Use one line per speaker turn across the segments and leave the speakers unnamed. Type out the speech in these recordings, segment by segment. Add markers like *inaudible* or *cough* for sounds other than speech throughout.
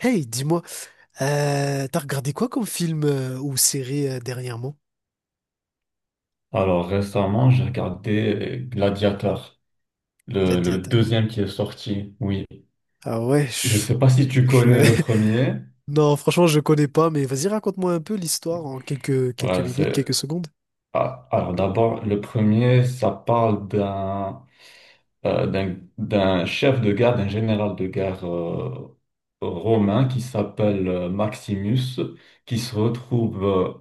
Hey, dis-moi, t'as regardé quoi comme film ou série dernièrement?
Alors récemment, j'ai regardé Gladiator, le
Gladiator.
deuxième qui est sorti. Oui,
Ah ouais,
je sais pas si tu
je-
connais le premier.
*laughs* Non, franchement, je connais pas, mais vas-y, raconte-moi un peu l'histoire en quelques
Ouais,
minutes,
c'est
quelques secondes.
ah, alors d'abord le premier, ça parle d'un chef de guerre, d'un général de guerre romain qui s'appelle Maximus, qui se retrouve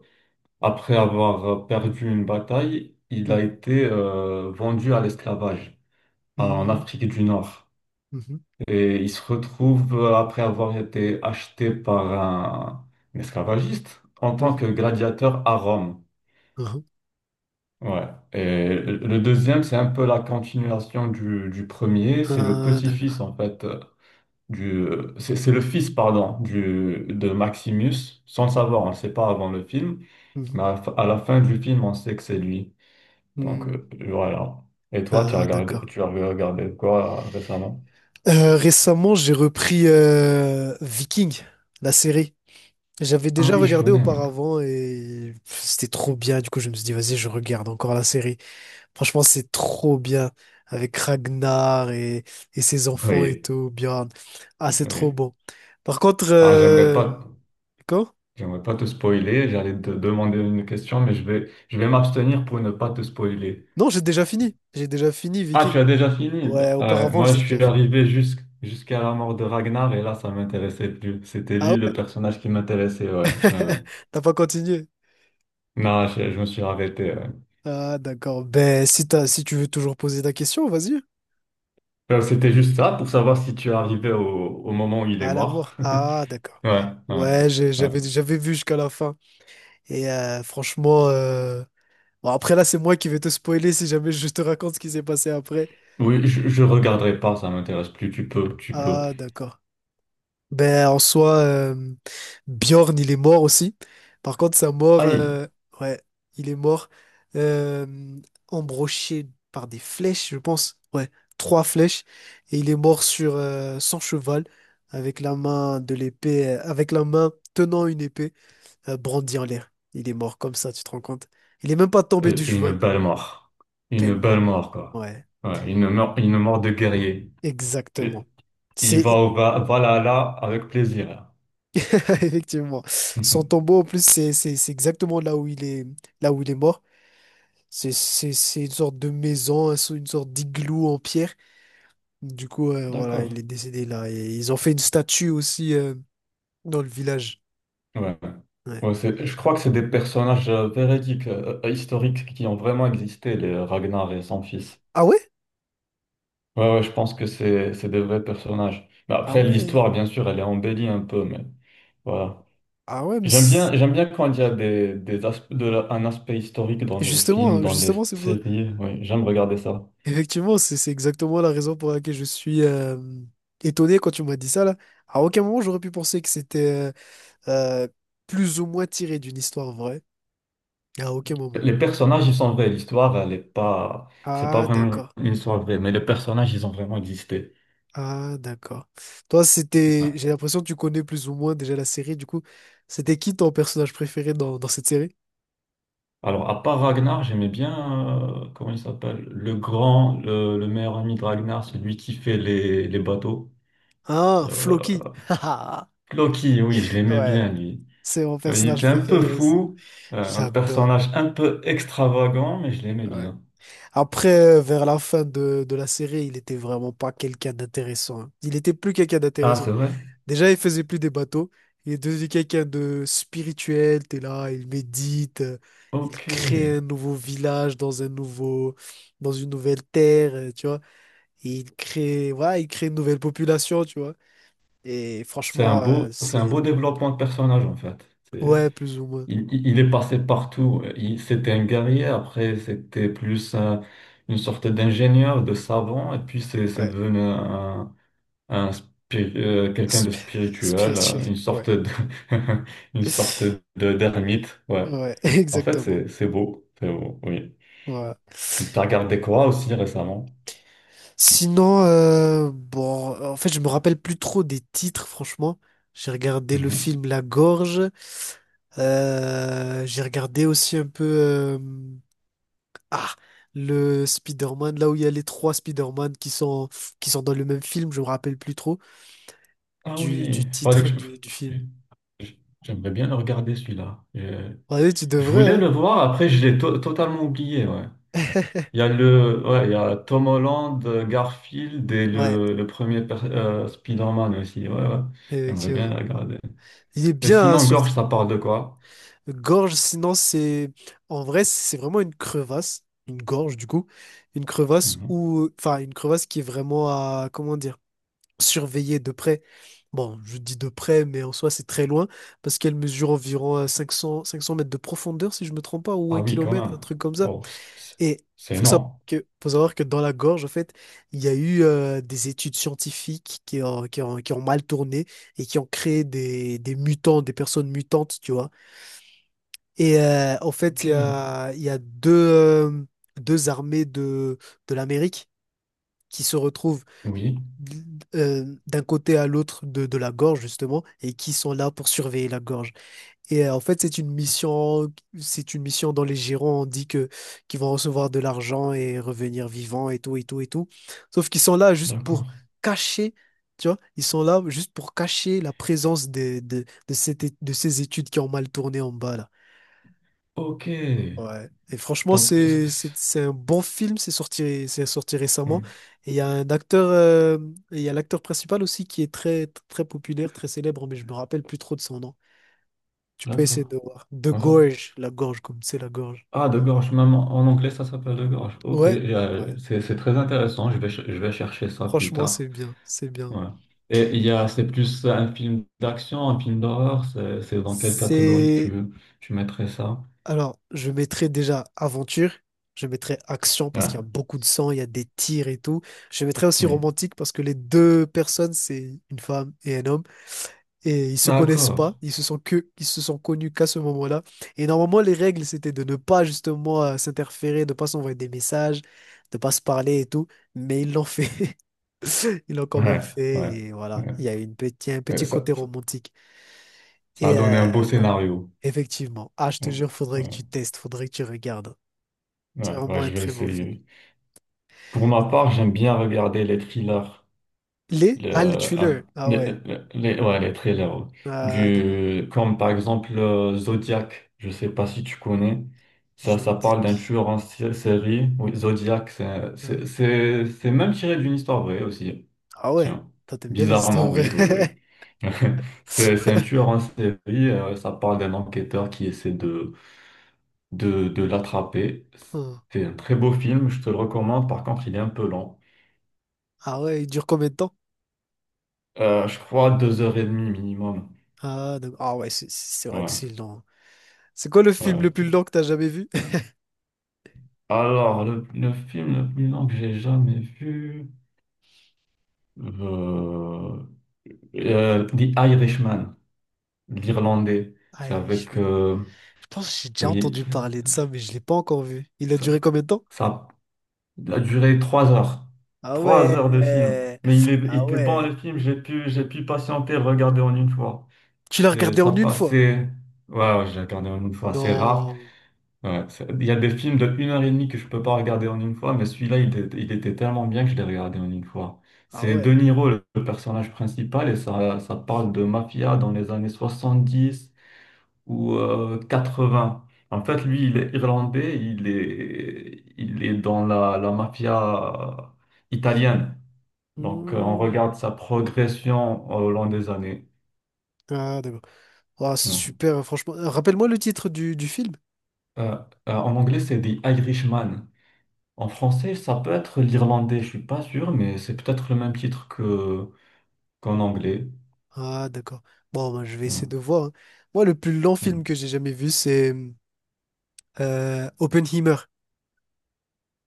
après avoir perdu une bataille, il a
Mhm,
été vendu à l'esclavage en
mhm,
Afrique du Nord.
mhm,
Et il se retrouve, après avoir été acheté par un esclavagiste, en tant
mhm,
que gladiateur à Rome.
mhm.
Ouais. Et le deuxième, c'est un peu la continuation du premier. C'est le
Ah,
petit-fils,
d'accord.
en fait, du, c'est le fils, pardon, de Maximus, sans le savoir, on ne le sait pas avant le film, mais
Mhm,
à la fin du film, on sait que c'est lui. Donc,
mhm.
voilà. Et toi, tu as
Ah,
regardé,
d'accord.
tu as regardé quoi récemment?
Récemment, j'ai repris Viking, la série. J'avais
Ah
déjà
oui, je
regardé
connais, oui.
auparavant et pff, c'était trop bien. Du coup, je me suis dit, vas-y, je regarde encore la série. Franchement, c'est trop bien avec Ragnar et, ses enfants et
Oui,
tout, Bjorn. Ah, c'est trop
oui.
bon. Par contre,
Ah, j'aimerais pas,
quoi?
j'aimerais pas te spoiler. J'allais te demander une question, mais je vais m'abstenir pour ne pas te spoiler.
Non, j'ai déjà fini. J'ai déjà fini,
Ah, tu
Vicky.
as déjà fini.
Ouais, auparavant,
Moi, je
j'ai déjà
suis
fini.
arrivé jusqu'à la mort de Ragnar et là, ça m'intéressait plus. C'était
Ah
lui le
ouais?
personnage qui m'intéressait, ouais.
*laughs* T'as pas continué?
Non, je me suis arrêté. Ouais.
Ah, d'accord. Ben, si tu veux toujours poser ta question, vas-y.
C'était juste ça pour savoir si tu es arrivé au moment où il est
À
mort.
l'amour.
*laughs*
Ah, d'accord.
Ouais, ouais,
Ouais,
ouais.
j'avais vu jusqu'à la fin. Et franchement, bon, après là, c'est moi qui vais te spoiler si jamais je te raconte ce qui s'est passé après.
Oui, je regarderai pas, ça m'intéresse plus. Tu peux, tu peux.
Ah, d'accord. Ben, en soi, Bjorn, il est mort aussi. Par contre, sa mort,
Aïe.
ouais, il est mort. euh, Embroché par des flèches, je pense. Ouais, trois flèches. Et il est mort sur son cheval, avec la main de l'épée, avec la main tenant une épée, brandie en l'air. Il est mort comme ça, tu te rends compte? Il est même pas tombé du
Une
cheval.
belle mort. Une
Tellement.
belle mort, quoi.
Ouais,
Ouais, une mort de guerrier. Et
exactement.
il va
C'est
au Valhalla avec plaisir.
*laughs* Effectivement. Son
*laughs*
tombeau, en plus, c'est exactement là où il est, là où il est mort. C'est une sorte de maison, une sorte d'igloo en pierre. Du coup, voilà,
D'accord.
il est décédé là. Et ils ont fait une statue aussi dans le village.
Ouais.
Ouais.
Ouais, je crois que c'est des personnages véridiques, historiques, qui ont vraiment existé, les Ragnar et son fils.
Ah ouais?
Ouais, ouais, je pense que c'est des vrais personnages. Mais
Ah
après,
ouais.
l'histoire, bien sûr, elle est embellie un peu, mais voilà.
Ah ouais,
J'aime bien, j'aime bien quand il y a des aspe- de la- un aspect historique dans les films, dans les
justement, c'est pour ça.
séries. Ouais, j'aime regarder ça.
Effectivement, c'est exactement la raison pour laquelle je suis étonné quand tu m'as dit ça là. À aucun moment, j'aurais pu penser que c'était euh, euh, plus ou moins tiré d'une histoire vraie. À aucun moment.
Les personnages, ils sont vrais. L'histoire, elle est pas, c'est pas
Ah,
vraiment
d'accord.
une histoire vraie, mais les personnages, ils ont vraiment existé.
Ah, d'accord. Toi, c'était.
Ouais.
J'ai l'impression que tu connais plus ou moins déjà la série. Du coup, c'était qui ton personnage préféré dans cette série?
Alors, à part Ragnar, j'aimais bien, comment il s'appelle? Le grand, le meilleur ami de Ragnar, celui qui fait les bateaux.
Ah, Floki.
Euh,
*laughs*
Loki, oui, je l'aimais
Ouais,
bien, lui.
c'est mon
Il
personnage
était un peu
préféré aussi.
fou, un
J'adore.
personnage un peu extravagant, mais je l'aimais
Ouais.
bien.
Après, vers la fin de la série, il était vraiment pas quelqu'un d'intéressant, hein. Il était plus quelqu'un
Ah,
d'intéressant.
c'est vrai?
Déjà, il faisait plus des bateaux. Il est devenu quelqu'un de spirituel. T'es là, il médite, il
Ok.
crée un nouveau village dans une nouvelle terre, tu vois. Et il crée, voilà, il crée une nouvelle population, tu vois. Et
C'est un
franchement,
beau, c'est un beau développement de personnage, en fait.
ouais, plus ou moins,
Il est passé partout. C'était un guerrier, après c'était plus une sorte d'ingénieur, de savant, et puis c'est
ouais,
devenu quelqu'un de
Sp- *laughs*
spirituel,
spirituel, ouais,
*laughs* une sorte
*laughs*
de d'ermite. Ouais.
ouais, *laughs*
En fait,
exactement,
c'est beau, c'est beau, oui.
voilà.
T'as regardé quoi aussi récemment?
Sinon, bon, en fait, je me rappelle plus trop des titres, franchement. J'ai regardé le
Mhm.
film La Gorge. J'ai regardé aussi un peu ah le Spider-Man, là où il y a les trois Spider-Man qui sont dans le même film, je me rappelle plus trop
Ah
du
oui, fallait
titre
que je...
du film.
J'aimerais bien le regarder celui-là. Je,
Ouais, tu
je
devrais,
voulais le
hein?
voir, après je l'ai totalement oublié. Ouais.
*laughs*
Il y a le, ouais, il y a Tom Holland, Garfield et
Ouais,
le Spider-Man aussi. Ouais, ouais. J'aimerais bien
effectivement.
la regarder.
Il est
Et
bien, hein,
sinon, Gorge,
surtout.
ça parle de quoi?
Gorge, sinon, c'est. En vrai, c'est vraiment une crevasse. Une gorge, du coup. Une crevasse
Mhm.
ou. Enfin, une crevasse qui est vraiment à. Comment dire? Surveiller de près. Bon, je dis de près, mais en soi, c'est très loin. Parce qu'elle mesure environ 500 mètres de profondeur, si je me trompe pas, ou
Ah
un
oui, quand
kilomètre,
même.
un truc comme ça.
Bon,
Et
c'est
faut savoir
énorme.
faut savoir que dans la gorge, en fait, il y a eu des études scientifiques qui ont mal tourné et qui ont créé des mutants, des personnes mutantes, tu vois. Et en fait,
Ok.
il y a deux armées de l'Amérique qui se retrouvent
Oui,
d'un côté à l'autre de la gorge, justement, et qui sont là pour surveiller la gorge. Et en fait, c'est une mission dans les Girons, on dit que qu'ils vont recevoir de l'argent et revenir vivants et tout, et tout, et tout. Sauf qu'ils sont là juste
d'accord.
pour cacher. Tu vois, ils sont là juste pour cacher la présence de ces études qui ont mal tourné en bas là.
Ok.
Ouais. Et franchement,
Donc,
c'est c'est- c'est un bon film, c'est sorti
oui,
récemment. Et il y a un acteur, euh, et il y a l'acteur principal aussi qui est très, très populaire, très célèbre, mais je me rappelle plus trop de son nom. Tu peux essayer
d'accord.
de voir. De
Enfin-
Gorge, la gorge, comme c'est la gorge.
ah, de gorge, même en anglais, ça s'appelle de gorge. Ok,
Ouais, ouais.
c'est très intéressant. Je vais chercher ça plus
Franchement,
tard.
c'est bien, c'est bien.
Ouais. Et il y a, c'est plus un film d'action, un film d'horreur, c'est dans quelle catégorie que tu,
C'est...
tu mettrais ça?
Alors, je mettrai déjà aventure, je mettrai action parce
Ouais,
qu'il y a beaucoup de sang, il y a des tirs et tout. Je mettrai aussi
oui.
romantique parce que les deux personnes, c'est une femme et un homme. Et ils se connaissent pas,
D'accord.
ils se sont connus qu'à ce moment-là. Et normalement, les règles, c'était de ne pas justement s'interférer, de pas s'envoyer des messages, de pas se parler et tout. Mais ils l'ont fait, *laughs* ils l'ont quand même
Ouais,
fait.
ouais.
Et voilà,
Ouais.
il y a un
Et
petit
Ça,
côté
ça-
romantique.
ça a
Et
donné un beau
voilà,
scénario.
effectivement. Ah, je te
Ouais,
jure, faudrait que
ouais,
tu testes, faudrait que tu regardes. C'est
ouais,
vraiment
ouais, je
un
vais
très bon film.
essayer. Pour ma part, j'aime bien regarder les thrillers.
Les? Ah, le
Le-
thriller.
un-
Ah
les,
ouais.
ouais, les trailers. Ouais.
Ah, d'accord.
Comme par exemple Zodiac, je sais pas si tu connais. Ça parle
Zodiac.
d'un tueur en série. Oui, Zodiac,
Hein.
c'est même tiré d'une histoire vraie aussi.
Ah ouais.
Tiens,
Toi, t'aimes bien les histoires
bizarrement, oui, oui, oui.
vraies.
*laughs* C'est un
*laughs*
tueur en série. Ça parle d'un enquêteur qui essaie de l'attraper.
Hmm.
C'est un très beau film, je te le recommande. Par contre, il est un peu lent.
Ah ouais, il dure combien de temps?
Je crois deux heures et demie minimum.
Ah ouais, c'est vrai que
Ouais.
c'est long. C'est quoi le film
Ouais.
le plus long que t'as jamais vu? *laughs*
Alors, le film le plus long que j'ai jamais vu, euh, The Irishman, l'Irlandais. C'est avec,
Irishman. Je pense que j'ai déjà
oui,
entendu parler de ça, mais je l'ai pas encore vu. Il a
ça,
duré combien de temps?
ça a duré 3 heures.
Ah
Trois
ouais.
heures de film. Mais il, est, il
Ah
était bon
ouais.
le film, j'ai pu patienter, le regarder en une fois.
Tu l'as regardé
Ça
en une fois?
passait, ouais, ouais, j'ai regardé en une fois, c'est rare.
Non.
Ouais, il y a des films de une heure et demie que je peux pas regarder en une fois, mais celui-là, il était tellement bien que je l'ai regardé en une fois.
Ah
C'est De
ouais.
Niro, le personnage principal, et ça parle de mafia dans les années 70 ou 80. En fait, lui, il est irlandais, il est dans la mafia italienne. Donc, on
Hmm.
regarde sa progression au long des années.
Ah, d'accord. Ah, c'est
Ouais.
super, hein, franchement. Rappelle-moi le titre du film.
Euh, En anglais, c'est The Irishman. En français, ça peut être l'irlandais, je suis pas sûr, mais c'est peut-être le même titre que qu'en anglais.
Ah, d'accord. Bon, bah, je vais essayer de
Hmm,
voir, hein. Moi, le plus long
hmm.
film que j'ai jamais vu, c'est Oppenheimer.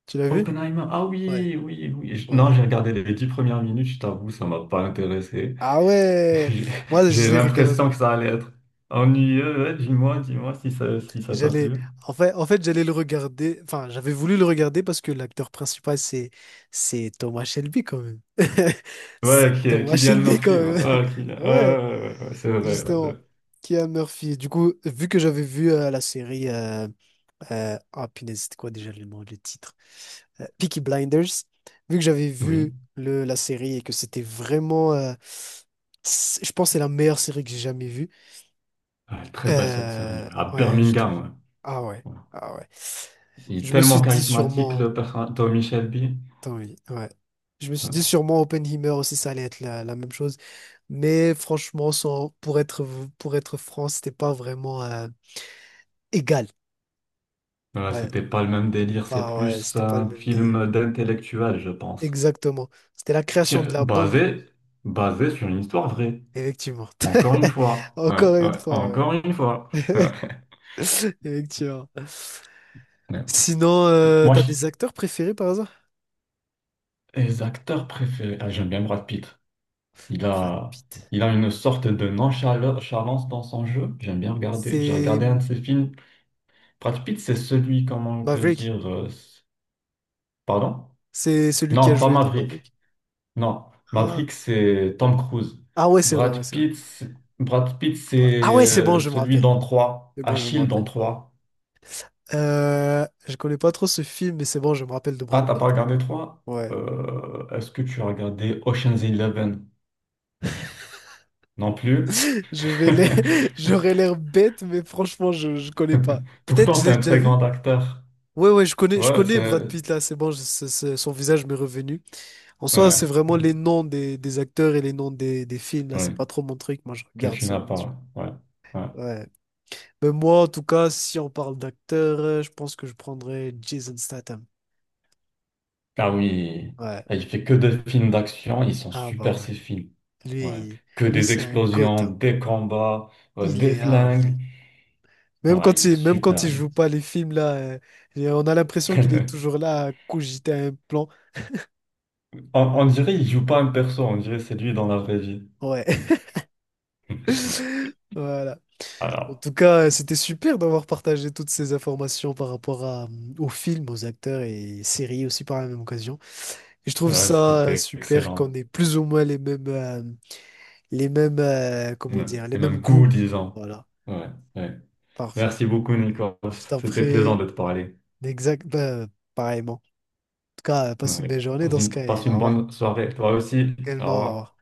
Tu l'as vu?
Oppenheimer, ah
Ouais.
oui, oui, oui. Non,
Ouais.
j'ai regardé les 10 premières minutes, je t'avoue, ça m'a pas intéressé.
Ah
*laughs*
ouais!
J'ai
Moi,
j'ai
je l'ai
l'impression
regardé.
que ça allait être ennuyeux. Ouais, dis-moi, dis-moi si ça t'a
J'allais,
plu.
en fait, j'allais le regarder. Enfin, j'avais voulu le regarder parce que l'acteur principal, c'est Thomas Shelby quand même. *laughs*
Ouais,
C'est Thomas
Cillian
Shelby quand
Murphy, ouais,
même.
ouais,
*laughs*
Ouais,
Ouais,
ouais, ouais, ouais, ouais, c'est vrai. Ouais, ouais.
justement. Kia Murphy. Du coup, vu que j'avais vu la série, ah punaise, c'était quoi déjà le nom, le titre? Peaky Blinders. Vu que j'avais
Oui,
vu la série et que c'était vraiment, je pense, que c'est la meilleure série que j'ai jamais vue.
ouais, très belle cette série. Ouais. À
Ouais,
Birmingham,
Ah ouais,
ouais. Ouais.
ah ouais.
Il est
Je me
tellement
suis dit
charismatique,
sûrement...
le personnage, Tommy Shelby.
Tant oui, ouais. Je me suis
Ouais.
dit sûrement Oppenheimer aussi, ça allait être la même chose. Mais franchement, sans... pour être franc, c'était pas vraiment égal.
Ouais,
Ouais,
c'était pas le même délire, c'est
ouais,
plus
c'était pas le
un
même délire.
film d'intellectuel, je pense.
Exactement. C'était la création de
Tiens,
la bombe,
basé sur une histoire vraie.
effectivement.
Encore une
*laughs*
fois. Ouais,
Encore une
ouais,
fois,
encore une fois. *laughs*
ouais. *laughs*
Ouais.
Effectivement.
Ouais.
Sinon,
Moi,
t'as des acteurs préférés par hasard?
les acteurs préférés, ah, j'aime bien Brad Pitt. Il
Brad
a,
Pitt.
il a une sorte de nonchalance dans son jeu. J'aime bien regarder. J'ai
C'est
regardé un de
hmm,
ses films. Brad Pitt, c'est celui, comment te
Maverick,
dire, pardon?
c'est celui qui a
Non, pas
joué dans
Maverick.
Maverick.
Non,
Ah,
Maverick, c'est Tom Cruise.
ah ouais, c'est vrai, ouais,
Brad
c'est vrai.
Pitt, c'est- Brad Pitt, c'est
Ah ouais, c'est bon, je me
celui
rappelle.
dans 3.
C'est bon, je me
Achille dans
rappelle.
3.
Je connais pas trop ce film, mais c'est bon, je me rappelle de
Ah,
Brad
t'as pas
Pitt.
regardé 3?
Ouais.
Est-ce que tu as regardé Ocean's Eleven? Non plus.
*laughs* Je vais l'air... *laughs*
*laughs*
J'aurais l'air bête, mais franchement, je connais pas. Peut-être
Pourtant,
je
c'est
l'ai
un
déjà
très
vu.
grand acteur.
Ouais, ouais, je
Ouais,
connais Brad
c'est...
Pitt là, c'est bon, son visage m'est revenu. En
Ouais,
soi, c'est
ouais,
vraiment les noms des acteurs et les noms des films là, c'est
ouais,
pas trop mon truc, moi je
que
regarde
tu
ça,
n'as
mon Dieu.
pas. Ouais, ouais.
Ouais. Mais moi, en tout cas, si on parle d'acteur, je pense que je prendrais Jason Statham.
Ah oui,
Ouais.
il fait que des films d'action, ils sont
Ah bah
super
ouais.
ces films. Ouais.
Lui,
Que
lui
des
c'est un goth,
explosions,
hein.
des combats,
Il
des
est hard,
flingues.
lui.
Ouais, il est
Même quand
super
il
lui.
joue pas les films, là, et on a l'impression qu'il est
*laughs*
toujours là à cogiter un plan.
On dirait il joue pas un perso, on dirait c'est lui dans la vraie vie.
Ouais. *laughs* Voilà. En
Alors,
tout cas, c'était super d'avoir partagé toutes ces informations par rapport à, aux films, aux acteurs et séries aussi par la même occasion. Et je trouve
ouais,
ça
c'était
super qu'on
excellent.
ait plus ou moins les mêmes,
Ouais,
comment dire, les
c'est
mêmes
même cool,
goûts.
disons.
Voilà,
Ouais, ouais.
parfait.
Merci beaucoup, Nicolas.
Je t'en
C'était plaisant
prie,
de te parler.
exact, ben, pareillement. En tout cas, passe une
Ouais.
belle journée
Passe
dans ce
une
cas
passe
et au
une
revoir.
bonne soirée, toi aussi. Au
Également, au revoir.
revoir.